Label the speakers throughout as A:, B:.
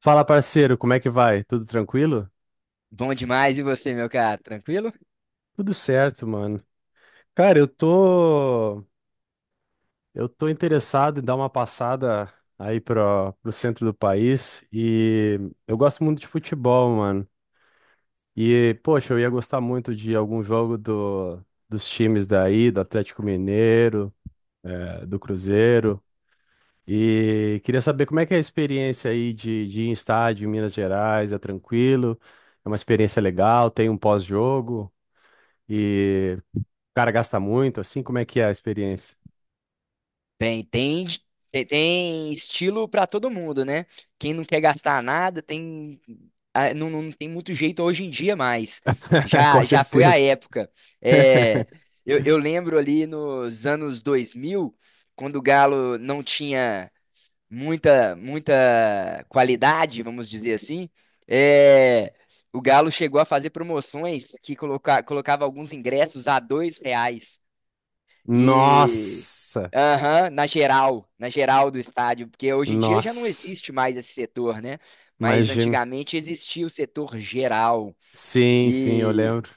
A: Fala, parceiro, como é que vai? Tudo tranquilo?
B: Bom demais, e você, meu cara? Tranquilo?
A: Tudo certo, mano. Cara, eu tô interessado em dar uma passada aí pro centro do país e eu gosto muito de futebol, mano. E poxa, eu ia gostar muito de algum jogo dos times daí, do Atlético Mineiro, do Cruzeiro. E queria saber como é que é a experiência aí de ir em estádio em Minas Gerais, é tranquilo? É uma experiência legal, tem um pós-jogo? E cara gasta muito, assim, como é que é a experiência?
B: Bem, tem, tem estilo pra todo mundo, né? Quem não quer gastar nada, tem, não tem muito jeito hoje em dia mais.
A: Com
B: Já foi a
A: certeza.
B: época. É, eu lembro ali nos anos 2000 quando o Galo não tinha muita, muita qualidade, vamos dizer assim, é, o Galo chegou a fazer promoções que colocava alguns ingressos a R$ 2. E
A: Nossa!
B: aham, na geral do estádio, porque hoje em dia já não
A: Nossa!
B: existe mais esse setor, né? Mas
A: Imagina.
B: antigamente existia o setor geral.
A: Sim, sim, eu
B: E
A: lembro.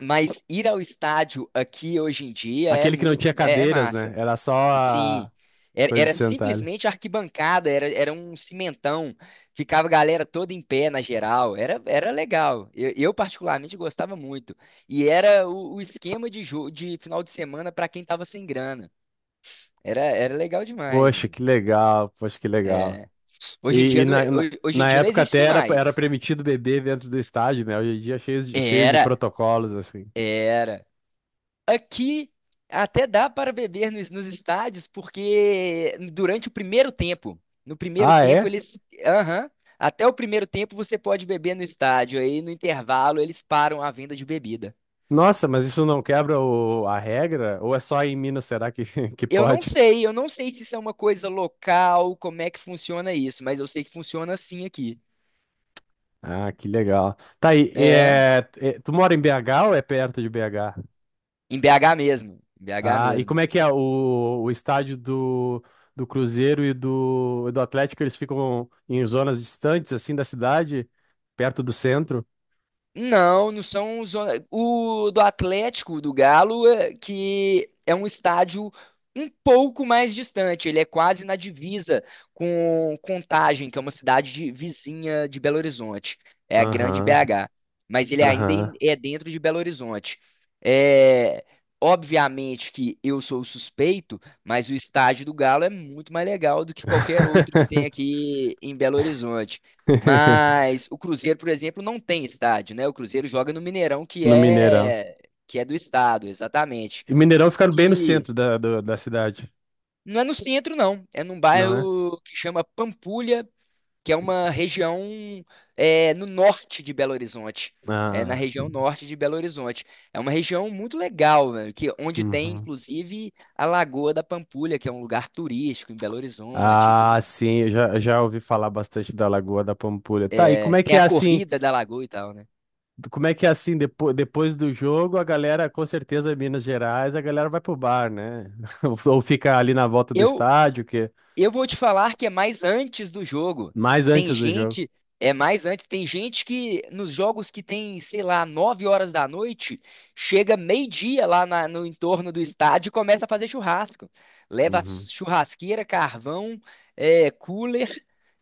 B: mas ir ao estádio aqui hoje em dia é
A: Aquele que não tinha
B: muito é
A: cadeiras, né?
B: massa.
A: Era só
B: E sim,
A: a
B: era,
A: coisa de
B: era
A: sentar ali.
B: simplesmente arquibancada, era um cimentão, ficava a galera toda em pé na geral, era legal. Eu particularmente gostava muito. E era o esquema de jogo de final de semana para quem tava sem grana. Era legal demais,
A: Poxa,
B: mano.
A: que legal, poxa, que legal.
B: É. Hoje em
A: E,
B: dia
A: e
B: não,
A: na, na,
B: hoje em
A: na
B: dia não
A: época
B: existe
A: até
B: isso
A: era
B: mais.
A: permitido beber dentro do estádio, né? Hoje em dia é cheio de
B: Era,
A: protocolos, assim.
B: era. Aqui até dá para beber nos estádios, porque durante o primeiro tempo, no primeiro
A: Ah,
B: tempo
A: é?
B: eles, aham, até o primeiro tempo você pode beber no estádio, aí no intervalo eles param a venda de bebida.
A: Nossa, mas isso não quebra a regra? Ou é só em Minas, será que, que pode?
B: Eu não sei se isso é uma coisa local, como é que funciona isso, mas eu sei que funciona assim aqui.
A: Ah, que legal. Tá aí,
B: É,
A: é, tu mora em BH ou é perto de BH?
B: em BH mesmo, em BH
A: Ah, e
B: mesmo.
A: como é que é o estádio do Cruzeiro e do Atlético? Eles ficam em zonas distantes, assim, da cidade, perto do centro?
B: Não, não são zona. O do Atlético, do Galo, que é um estádio um pouco mais distante. Ele é quase na divisa com Contagem, que é uma cidade vizinha de Belo Horizonte. É a grande
A: Aham,
B: BH. Mas ele ainda
A: aham.
B: é dentro de Belo Horizonte. É, obviamente que eu sou o suspeito, mas o estádio do Galo é muito mais legal do que qualquer outro que tem aqui em Belo Horizonte. Mas o Cruzeiro, por exemplo, não tem estádio, né? O Cruzeiro joga no Mineirão,
A: No Mineirão.
B: que é do estado, exatamente.
A: E Mineirão fica bem no
B: Que
A: centro da, da cidade,
B: não é no centro, não. É num
A: não é?
B: bairro que chama Pampulha, que é uma região é, no norte de Belo Horizonte. É na
A: Ah,
B: região norte de Belo Horizonte. É uma região muito legal, velho, que onde tem
A: uhum.
B: inclusive a Lagoa da Pampulha, que é um lugar turístico em Belo Horizonte e tudo
A: Ah,
B: mais.
A: sim, eu já ouvi falar bastante da Lagoa da Pampulha. Tá, e como
B: É,
A: é que
B: tem
A: é
B: a
A: assim?
B: corrida da Lagoa e tal, né?
A: Como é que é assim, depois do jogo, a galera, com certeza, em Minas Gerais, a galera vai pro bar, né? Ou fica ali na volta do
B: Eu,
A: estádio, que
B: Eu vou te falar que é mais antes do jogo.
A: mais
B: Tem
A: antes do jogo.
B: gente, é mais antes, tem gente que nos jogos que tem, sei lá, 9 horas da noite, chega meio-dia lá no entorno do estádio e começa a fazer churrasco. Leva churrasqueira, carvão, cooler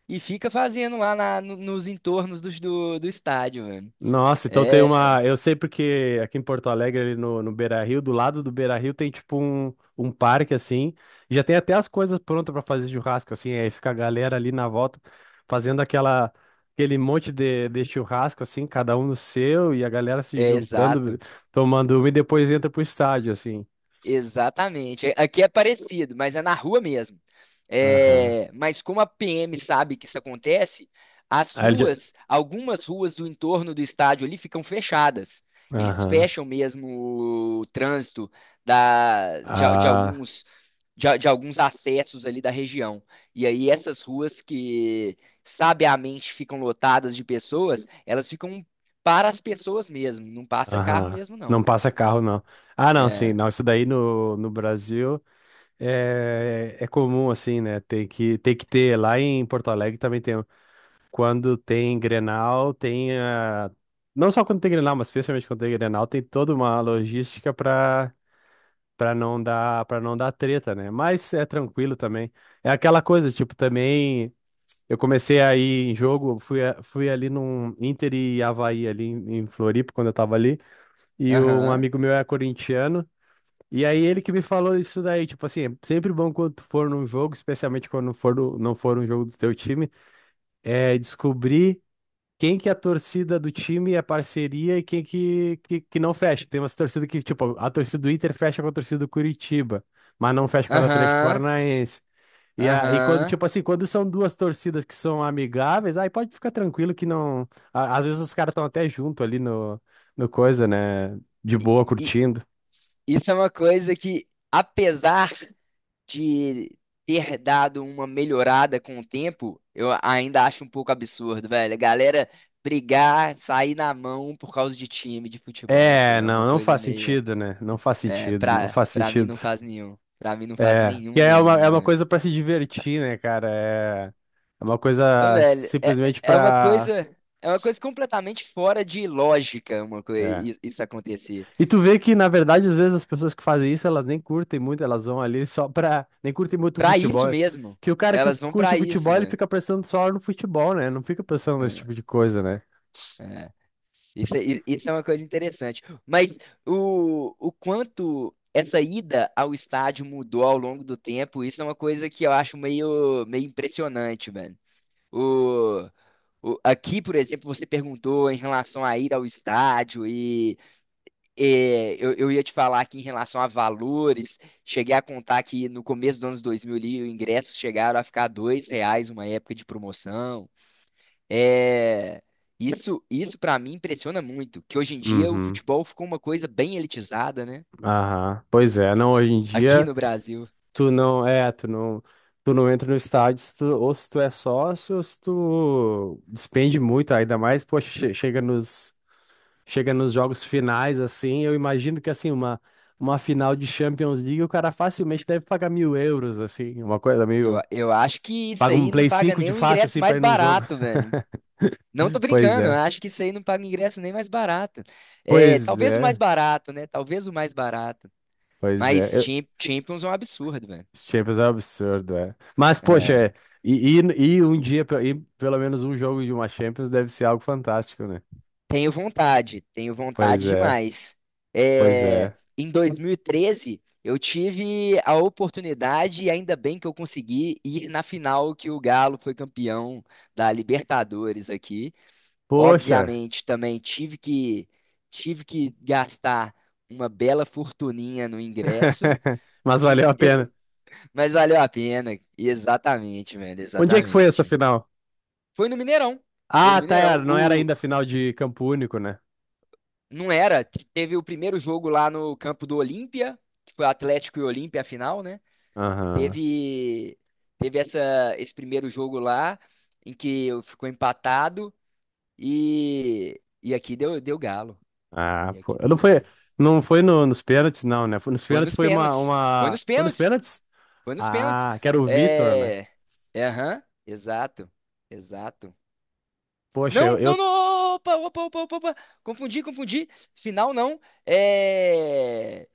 B: e fica fazendo lá nos entornos do estádio, mano.
A: Nossa, então tem
B: É,
A: uma. Eu sei porque aqui em Porto Alegre, ali no Beira-Rio, do lado do Beira-Rio tem tipo um parque assim. E já tem até as coisas prontas pra fazer churrasco, assim. Aí fica a galera ali na volta fazendo aquele monte de churrasco, assim, cada um no seu, e a galera se
B: é
A: juntando,
B: exato.
A: tomando uma e depois entra pro estádio, assim.
B: Exatamente. Aqui é parecido, mas é na rua mesmo.
A: Aham.
B: É, mas como a PM sabe que isso acontece, as
A: Aí ele já-
B: ruas, algumas ruas do entorno do estádio ali ficam fechadas. Eles
A: Aham.
B: fecham mesmo o trânsito de
A: Ah,
B: alguns, de alguns acessos ali da região. E aí essas ruas que sabiamente ficam lotadas de pessoas, elas ficam para as pessoas mesmo, não passa carro
A: aham.
B: mesmo,
A: Não
B: não.
A: passa carro, não. Ah, não, sim,
B: É.
A: não. Isso daí no Brasil. É, é comum assim, né? Tem que ter. Lá em Porto Alegre também tem. Quando tem Grenal, tem a... Não só quando tem Grenal, mas especialmente quando tem Grenal, tem toda uma logística para não dar treta, né? Mas é tranquilo também. É aquela coisa, tipo, também eu comecei a ir em jogo, fui ali num Inter e Avaí ali em Floripa quando eu tava ali, e um
B: Aham.
A: amigo meu é corintiano. E aí ele que me falou isso daí, tipo assim, é sempre bom quando tu for num jogo, especialmente quando for não for um jogo do teu time, é descobrir quem que é a torcida do time é parceria e quem que não fecha. Tem umas torcidas que, tipo, a torcida do Inter fecha com a torcida do Curitiba, mas não fecha com a do Atlético
B: Aham.
A: Paranaense. E quando,
B: Aham.
A: tipo assim, quando são duas torcidas que são amigáveis, aí pode ficar tranquilo que não. Às vezes os caras estão até junto ali no coisa, né? De
B: E,
A: boa,
B: e
A: curtindo.
B: isso é uma coisa que, apesar de ter dado uma melhorada com o tempo, eu ainda acho um pouco absurdo, velho. A galera brigar, sair na mão por causa de time de futebol. Isso aí
A: É,
B: é uma
A: não, não
B: coisa
A: faz
B: meio.
A: sentido, né? Não faz
B: É,
A: sentido, não
B: pra,
A: faz
B: pra mim
A: sentido.
B: não faz nenhum. Pra mim não faz
A: É, e
B: nenhum,
A: aí é uma, é
B: nenhum,
A: uma
B: velho.
A: coisa pra se divertir, né, cara? É, é uma
B: Ô,
A: coisa
B: velho, é,
A: simplesmente
B: é uma
A: pra.
B: coisa. É uma coisa completamente fora de lógica, uma
A: É.
B: coisa, isso acontecer.
A: E tu vê que, na verdade, às vezes as pessoas que fazem isso, elas nem curtem muito, elas vão ali só pra. Nem curtem muito o
B: Pra isso
A: futebol.
B: mesmo.
A: Que o cara que
B: Elas vão
A: curte
B: pra
A: o
B: isso,
A: futebol, ele
B: velho.
A: fica pensando só no futebol, né? Não fica pensando nesse
B: É.
A: tipo de coisa, né?
B: É, isso, isso é uma coisa interessante. Mas o quanto essa ida ao estádio mudou ao longo do tempo, isso é uma coisa que eu acho meio, meio impressionante, mano. O, Aqui, por exemplo, você perguntou em relação à ida ao estádio e, é, eu ia te falar aqui em relação a valores. Cheguei a contar que no começo dos anos 2000 ali, os ingressos chegaram a ficar R$ 2 uma época de promoção. É, isso, para mim impressiona muito, que hoje em dia o
A: Uhum.
B: futebol ficou uma coisa bem elitizada, né?
A: Aham, pois é, não, hoje em
B: Aqui
A: dia
B: no Brasil.
A: tu não é, tu não, tu não entra no estádio se tu, ou se tu é sócio ou se tu despende muito, ainda mais, poxa, chega nos jogos finais assim, eu imagino que assim, uma final de Champions League o cara facilmente deve pagar 1.000 euros, assim, uma coisa
B: Eu,
A: meio,
B: eu acho que isso
A: paga um
B: aí não
A: Play
B: paga
A: 5
B: nem
A: de
B: o
A: fácil
B: ingresso
A: assim pra
B: mais
A: ir num jogo.
B: barato, velho. Não tô
A: Pois
B: brincando, eu
A: é,
B: acho que isso aí não paga ingresso nem mais barato. É,
A: pois
B: talvez o mais
A: é,
B: barato, né? Talvez o mais barato.
A: pois
B: Mas
A: é.
B: Champions é um absurdo, velho.
A: Os Champions é um absurdo, é. Mas, poxa,
B: É.
A: e um dia, e pelo menos um jogo de uma Champions deve ser algo fantástico, né?
B: Tenho
A: Pois
B: vontade
A: é,
B: demais.
A: pois
B: É,
A: é.
B: em 2013, eu tive a oportunidade, e ainda bem que eu consegui ir na final que o Galo foi campeão da Libertadores aqui.
A: Poxa,
B: Obviamente, também tive que gastar uma bela fortuninha no ingresso,
A: mas valeu a pena.
B: mas valeu a pena. Exatamente, velho,
A: Onde é que foi essa
B: exatamente.
A: final?
B: Foi no Mineirão. Foi
A: Ah,
B: no
A: tá,
B: Mineirão.
A: não era ainda a final de campo único, né?
B: Não era. Teve o primeiro jogo lá no campo do Olímpia, que foi Atlético e Olímpia a final, né?
A: Aham.
B: Teve, teve esse primeiro jogo lá, em que ficou empatado e aqui deu galo.
A: Ah,
B: E
A: pô.
B: aqui deu
A: Não foi,
B: galo.
A: não foi nos pênaltis, não, né? Nos
B: Foi
A: pênaltis
B: nos
A: foi uma,
B: pênaltis. Foi
A: uma...
B: nos
A: Foi nos
B: pênaltis.
A: pênaltis?
B: Foi nos pênaltis.
A: Ah, que era o Vitor, né?
B: É. É, aham, exato. Exato.
A: Poxa, eu,
B: Não,
A: eu...
B: não, não! Opa, opa, opa, opa, opa. Confundi, confundi. Final não. É.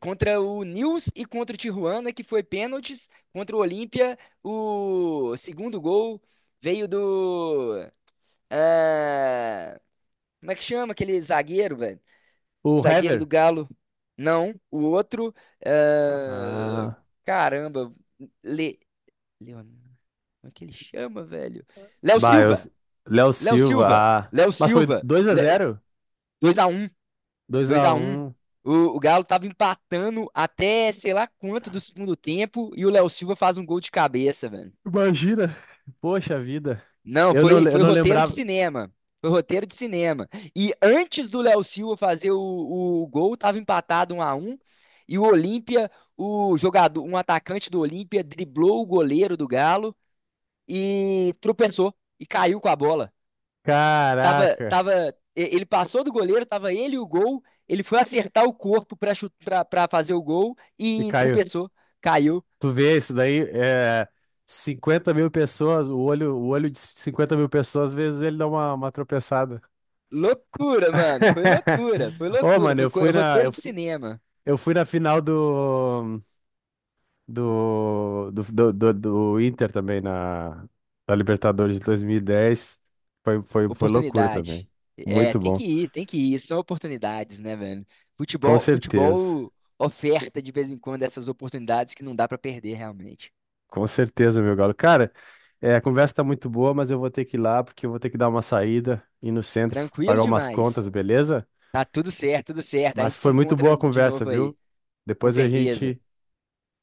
B: Contra o Nils e contra o Tijuana, que foi pênaltis. Contra o Olímpia, o segundo gol veio do. Ah, como é que chama aquele zagueiro, velho?
A: O
B: Zagueiro do
A: Hever.
B: Galo. Não, o outro. ah,
A: Ah.
B: Caramba. Le, Leon- Como é que ele chama, velho? Léo
A: Bah, eu.
B: Silva!
A: Léo
B: Léo
A: Silva,
B: Silva!
A: ah.
B: Léo
A: Mas foi
B: Silva!
A: dois a
B: Le,
A: zero,
B: 2-1.
A: dois
B: Dois
A: a
B: a um.
A: um.
B: O Galo tava empatando até sei lá quanto do segundo tempo e o Léo Silva faz um gol de cabeça, velho.
A: Imagina. Poxa vida.
B: Não,
A: Eu não,
B: foi,
A: eu
B: foi
A: não
B: roteiro de
A: lembrava.
B: cinema. Foi roteiro de cinema. E antes do Léo Silva fazer o gol, tava empatado 1-1. E o Olímpia, o jogador, um atacante do Olímpia, driblou o goleiro do Galo e tropeçou e caiu com a bola. Tava,
A: Caraca.
B: tava, Ele passou do goleiro, tava ele e o gol. Ele foi acertar o corpo pra fazer o gol
A: E
B: e
A: caiu.
B: tropeçou, caiu.
A: Tu vê isso daí? É 50 mil pessoas, o olho de 50 mil pessoas, às vezes ele dá uma tropeçada.
B: Loucura, mano. Foi loucura, foi
A: Ô,
B: loucura.
A: mano,
B: Foi
A: eu fui na,
B: roteiro
A: eu,
B: de
A: fu-
B: cinema.
A: eu fui na final do. Do, do, do, do, do, Inter também na Libertadores de 2010. Foi loucura também.
B: Oportunidade. É,
A: Muito
B: tem
A: bom.
B: que ir, tem que ir. São oportunidades, né, velho?
A: Com
B: Futebol,
A: certeza.
B: futebol oferta de vez em quando essas oportunidades que não dá pra perder realmente.
A: Com certeza, meu galo. Cara, a conversa tá muito boa, mas eu vou ter que ir lá porque eu vou ter que dar uma saída, ir no centro,
B: Tranquilo
A: pagar umas
B: demais.
A: contas, beleza?
B: Tá tudo certo, tudo certo. A
A: Mas
B: gente se
A: foi muito boa
B: encontra
A: a
B: de
A: conversa,
B: novo aí,
A: viu?
B: com
A: Depois a
B: certeza.
A: gente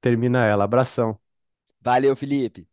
A: termina ela. Abração.
B: Valeu, Felipe.